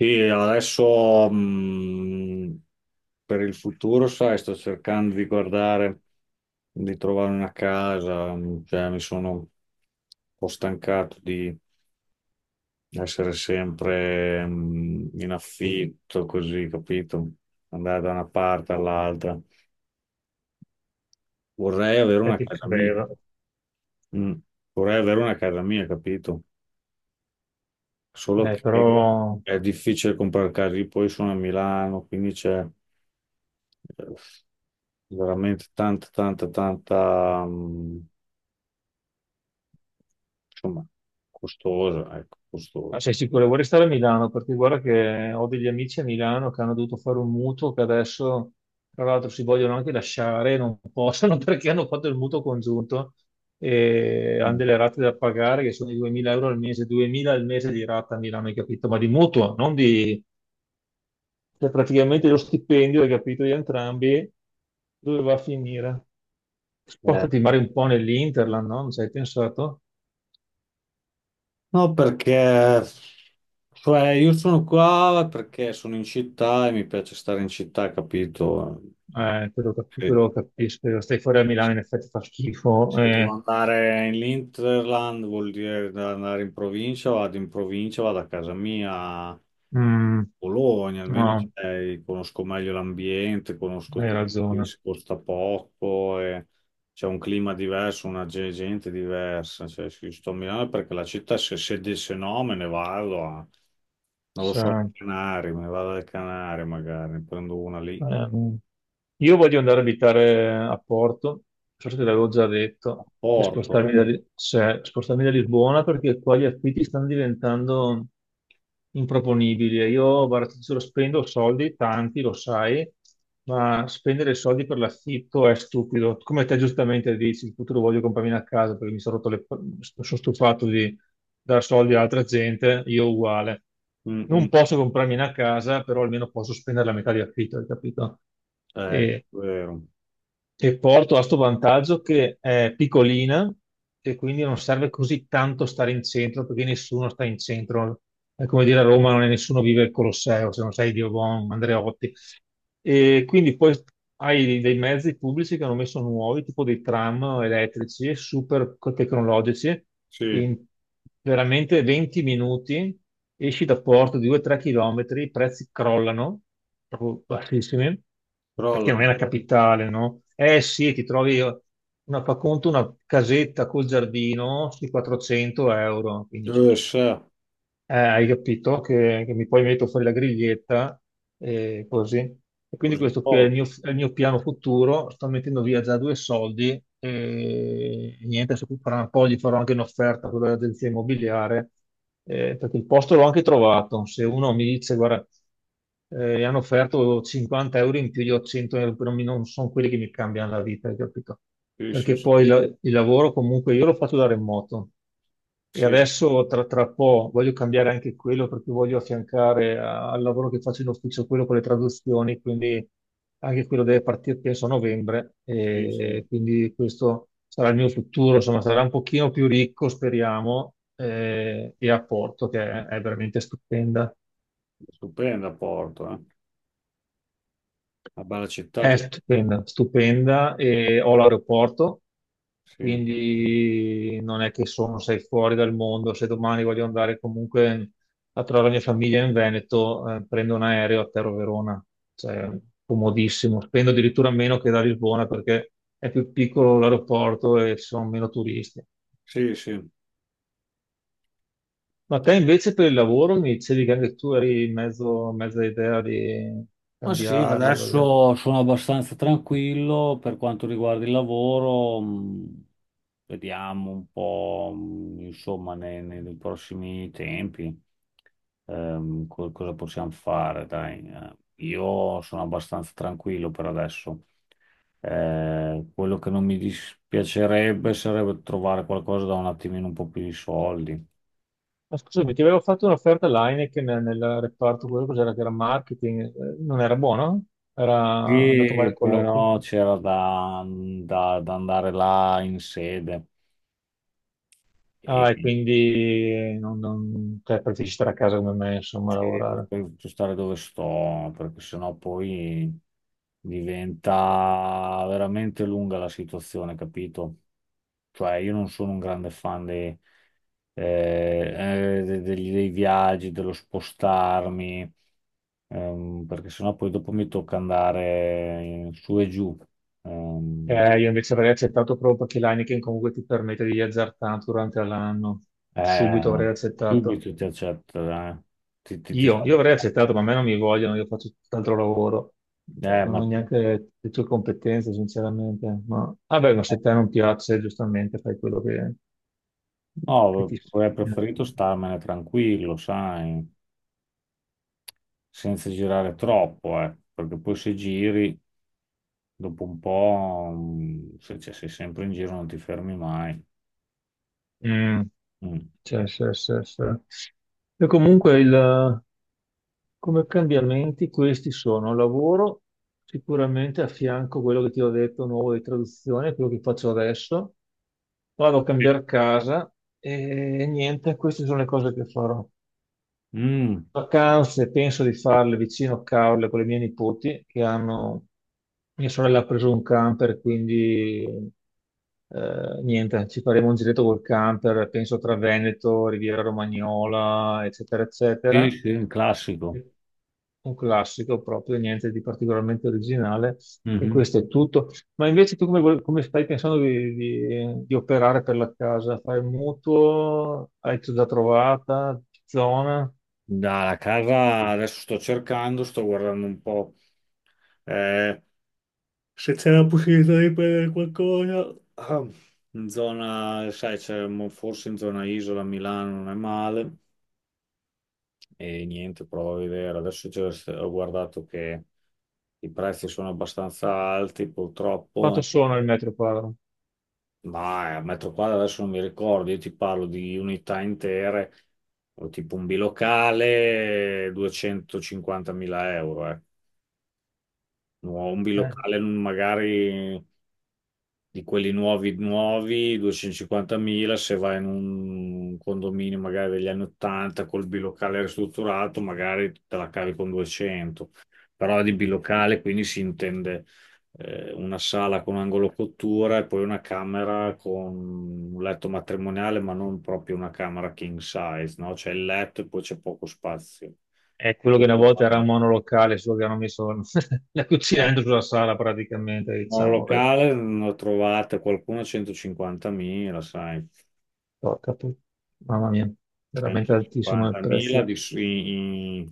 Sì, adesso per il futuro, sai, sto cercando di guardare, di trovare una casa, cioè, mi sono un po' stancato di essere sempre in affitto, così, capito? Andare da una parte all'altra. Vorrei avere E una ti casa mia. credo. Mm. Vorrei avere una casa mia, capito? Solo che Però è difficile comprare case, poi sono a Milano, quindi c'è... eh, veramente tanta, insomma, costosa, ecco, ah, costosa. sei sicuro, vorrei stare a Milano perché guarda che ho degli amici a Milano che hanno dovuto fare un mutuo che adesso, tra l'altro, si vogliono anche lasciare, non possono perché hanno fatto il mutuo congiunto e hanno Mm. delle rate da pagare che sono di 2.000 euro al mese, 2.000 al mese di rata a Milano, hai capito? Ma di mutuo, non di. Cioè praticamente lo stipendio, hai capito, di entrambi, dove va a finire? Eh, Spostati magari un po' nell'Interland, no? Non ci hai pensato? No, perché cioè, io sono qua perché sono in città e mi piace stare in città, capito? Quello, cap- Se, quello capisco, io stai fuori a Milano in effetti fa schifo. se devo Eh, andare in Interland vuol dire andare in provincia, vado a casa mia. mm, Bologna, almeno no, conosco meglio l'ambiente, conosco hai tutti, ragione. si costa poco, e c'è un clima diverso, una gente diversa. Cioè, se io sto a Milano perché la città, se no, me ne vado a, non lo so, Cioè, alle Canarie, me ne vado alle Canarie magari, ne prendo una lì, Ehm, io voglio andare a abitare a Porto, non so se te l'avevo già a detto, e Porto. Cioè, spostarmi da Lisbona perché qua gli affitti stanno diventando improponibili. E io, guarda, ti giuro, spendo soldi, tanti, lo sai, ma spendere soldi per l'affitto è stupido. Come te giustamente dici, in futuro voglio comprarmi una casa perché mi sono rotto le. Sono stufato di dare soldi a altra gente, io uguale Mm, non mm. posso comprarmi una casa, però almeno posso spendere la metà di affitto, hai capito? Ecco, E vero. e Porto ha sto vantaggio che è piccolina e quindi non serve così tanto stare in centro perché nessuno sta in centro. È come dire a Roma non è nessuno vive il Colosseo, se non sei Diobon, Andreotti. E quindi poi hai dei mezzi pubblici che hanno messo nuovi, tipo dei tram elettrici, super tecnologici. Sì, In veramente 20 minuti esci da Porto di 2-3 km, i prezzi crollano proprio bassissime, però la, perché non è la capitale, no? Eh sì, ti trovi una, fa conto, una casetta col giardino sui 400 euro, quindi sa, hai capito che mi poi metto fuori la griglietta e così. E quindi così questo qui poco. È il mio piano futuro. Sto mettendo via già due soldi e niente, adesso fra un po' gli farò anche un'offerta a quella dell'agenzia immobiliare perché il posto l'ho anche trovato. Se uno mi dice, guarda, gli hanno offerto 50 euro in più, io ho 100 euro, però non sono quelli che mi cambiano la vita, hai capito? Sì, sì, Perché sì, poi la- il lavoro comunque io lo faccio da remoto. E sì, adesso tra po' voglio cambiare anche quello perché voglio affiancare al lavoro che faccio in ufficio quello con le traduzioni, quindi anche quello deve partire penso a novembre sì, sì. e quindi questo sarà il mio futuro, insomma sarà un pochino più ricco speriamo e a Porto che è veramente stupenda. Stupenda Porto, eh. Una bella città. È stupenda, stupenda e ho l'aeroporto, Sì, quindi non è che sono, sei fuori dal mondo. Se domani voglio andare comunque a trovare la mia famiglia in Veneto, prendo un aereo, atterro a Verona, cioè comodissimo. Spendo addirittura meno che da Lisbona perché è più piccolo l'aeroporto e ci sono meno turisti. sì, sì. Ma te invece per il lavoro mi dicevi che anche tu eri in mezzo, mezza idea di Ma sì, cambiarlo. Adesso sono abbastanza tranquillo per quanto riguarda il lavoro. Vediamo un po', insomma, nei prossimi tempi, cosa possiamo fare, dai. Io sono abbastanza tranquillo per adesso. Quello che non mi dispiacerebbe sarebbe trovare qualcosa da un attimino un po' più di soldi. Ma scusami, ti avevo fatto un'offerta all'Heineken nel reparto, quello cos'era che era marketing, non era buono? Era andato male Sì, il colloquio. però c'era da, da andare là in sede Ah, e e, quindi non, cioè, preferisci stare a casa come me, insomma, a sì, per lavorare. poi stare dove sto, perché sennò poi diventa veramente lunga la situazione, capito? Cioè, io non sono un grande fan dei, eh, dei viaggi, dello spostarmi, perché sennò poi dopo mi tocca andare su e giù. ehm, Io invece avrei accettato proprio perché l'Heineken comunque ti permette di viaggiare tanto durante l'anno. Subito Eh, avrei accettato. subito ti accetta, eh. Ti, ti- ti fa- Io avrei accettato, ma a me non mi vogliono, io faccio tutt'altro lavoro. Eh, Non ma ho neanche le tue competenze, sinceramente. Ma vabbè, ma se eh, a te non piace, giustamente fai quello che no, ti avrei segnali. preferito starmene tranquillo, sai, senza girare troppo, perché poi se giri dopo un po', mm, se cioè, sei sempre in giro non ti fermi mai. Mm, Mm. sì, sì, sì, sì. E comunque come cambiamenti questi sono lavoro sicuramente a fianco quello che ti ho detto nuovo di traduzione, quello che faccio adesso. Vado a Sì. cambiare casa e niente, queste sono le cose che farò. Mm, Vacanze penso di farle vicino a Caorle con le mie nipoti che hanno, mia sorella ha preso un camper, quindi niente, ci faremo un giretto col camper, penso tra Veneto, Riviera Romagnola, eccetera, sì, eccetera. sì, un classico. Un classico proprio, niente di particolarmente originale e Mhm. questo è tutto. Ma invece tu come, come stai pensando di, di operare per la casa? Fai un mutuo? Hai già trovata? Zona? Dalla casa adesso sto cercando, sto guardando un po'. eh, Se c'è la possibilità di prendere qualcosa, ah, in zona, sai, forse in zona Isola, a Milano non è male e niente, prova a vedere. Ho guardato che i prezzi sono abbastanza alti, purtroppo, Quanto sono il metro quadro? ma a metro quadro adesso non mi ricordo, io ti parlo di unità intere, o tipo un bilocale, 250.000 euro, eh. No, un Eh, bilocale magari di quelli nuovi, nuovi, 250.000, se vai in un condominio magari degli anni 80 col bilocale ristrutturato, magari te la cavi con 200. Però di bilocale, quindi si intende una sala con angolo cottura e poi una camera con un letto matrimoniale, ma non proprio una camera king size, no? C'è il letto e poi c'è poco spazio. è quello che Questo una è il volta era bagno. un monolocale, solo che hanno messo la cucina Eh, dentro sulla sala praticamente, diciamo. Beh, monolocale, ne ho trovate qualcuno a 150.000, sai. porca pu-, mamma mia, veramente altissimo il prezzo. 150.000 in,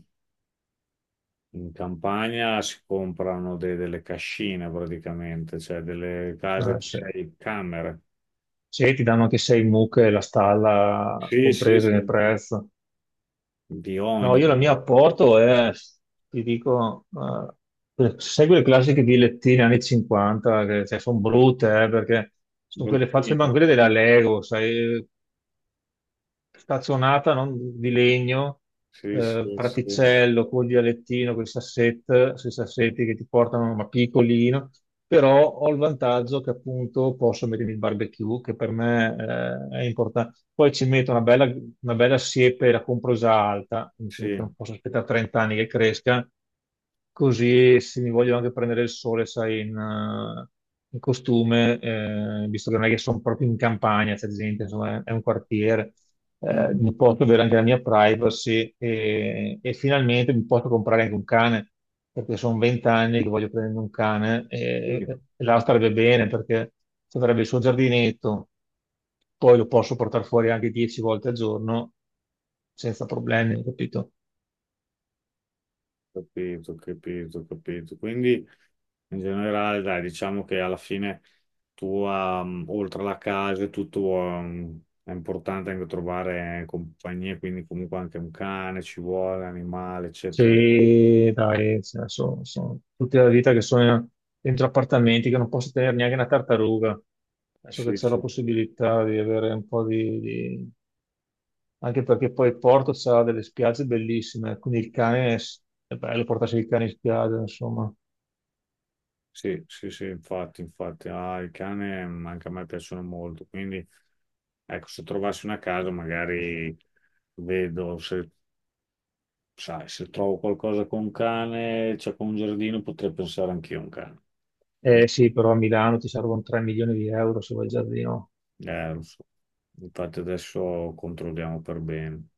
in campagna si comprano delle cascine praticamente, cioè delle case Allora, di se, 6 camere. se ti danno anche sei mucche e la stalla Sì, sì, comprese sì, nel prezzo. di No, ogni, io la mia apporto è, ti dico, segue le classiche dilettine anni 50, che sono brutte, perché sono quelle fatte, sembrano bruttine. quelle della Lego, sai, stazionata, non di legno, Sì, sì, sì, praticello, col dialettino, con i sui sassetti che ti portano, ma piccolino, però ho il vantaggio che appunto posso mettermi il barbecue, che per me, è importante. Poi ci metto una bella siepe, la compro già alta, quindi sì. non posso aspettare 30 anni che cresca, così se mi voglio anche prendere il sole, sai, in costume, visto che non è che sono proprio in campagna, c'è gente, insomma, è un quartiere Mm, mi posso avere anche la mia privacy e finalmente mi posso comprare anche un cane, perché sono vent'anni che voglio prendere un cane sì. e là starebbe bene perché ci avrebbe il suo giardinetto, poi lo posso portare fuori anche 10 volte al giorno senza problemi, capito? Capito, capito, capito. Quindi in generale, dai, diciamo che alla fine tu, oltre alla casa, e tutto, è importante anche trovare compagnia, quindi comunque anche un cane ci vuole, animale, eccetera. Sì, dai, sono tutta la vita che sono dentro appartamenti che non posso tenere neanche una tartaruga. Adesso che Sì, c'è la sì, possibilità di avere un po' anche perché poi il Porto ha delle spiagge bellissime, quindi il cane è bello portarsi il cane in spiaggia, insomma. sì, sì, sì, infatti, infatti, ah, il cane mm, anche a me piacciono molto, quindi ecco, se trovassi una casa magari vedo se, sai, se trovo qualcosa con un cane, cioè con un giardino, potrei pensare anch'io a un cane. Eh sì, però a Milano ti servono 3 milioni di euro se vuoi il giardino. Eh, infatti adesso controlliamo per bene.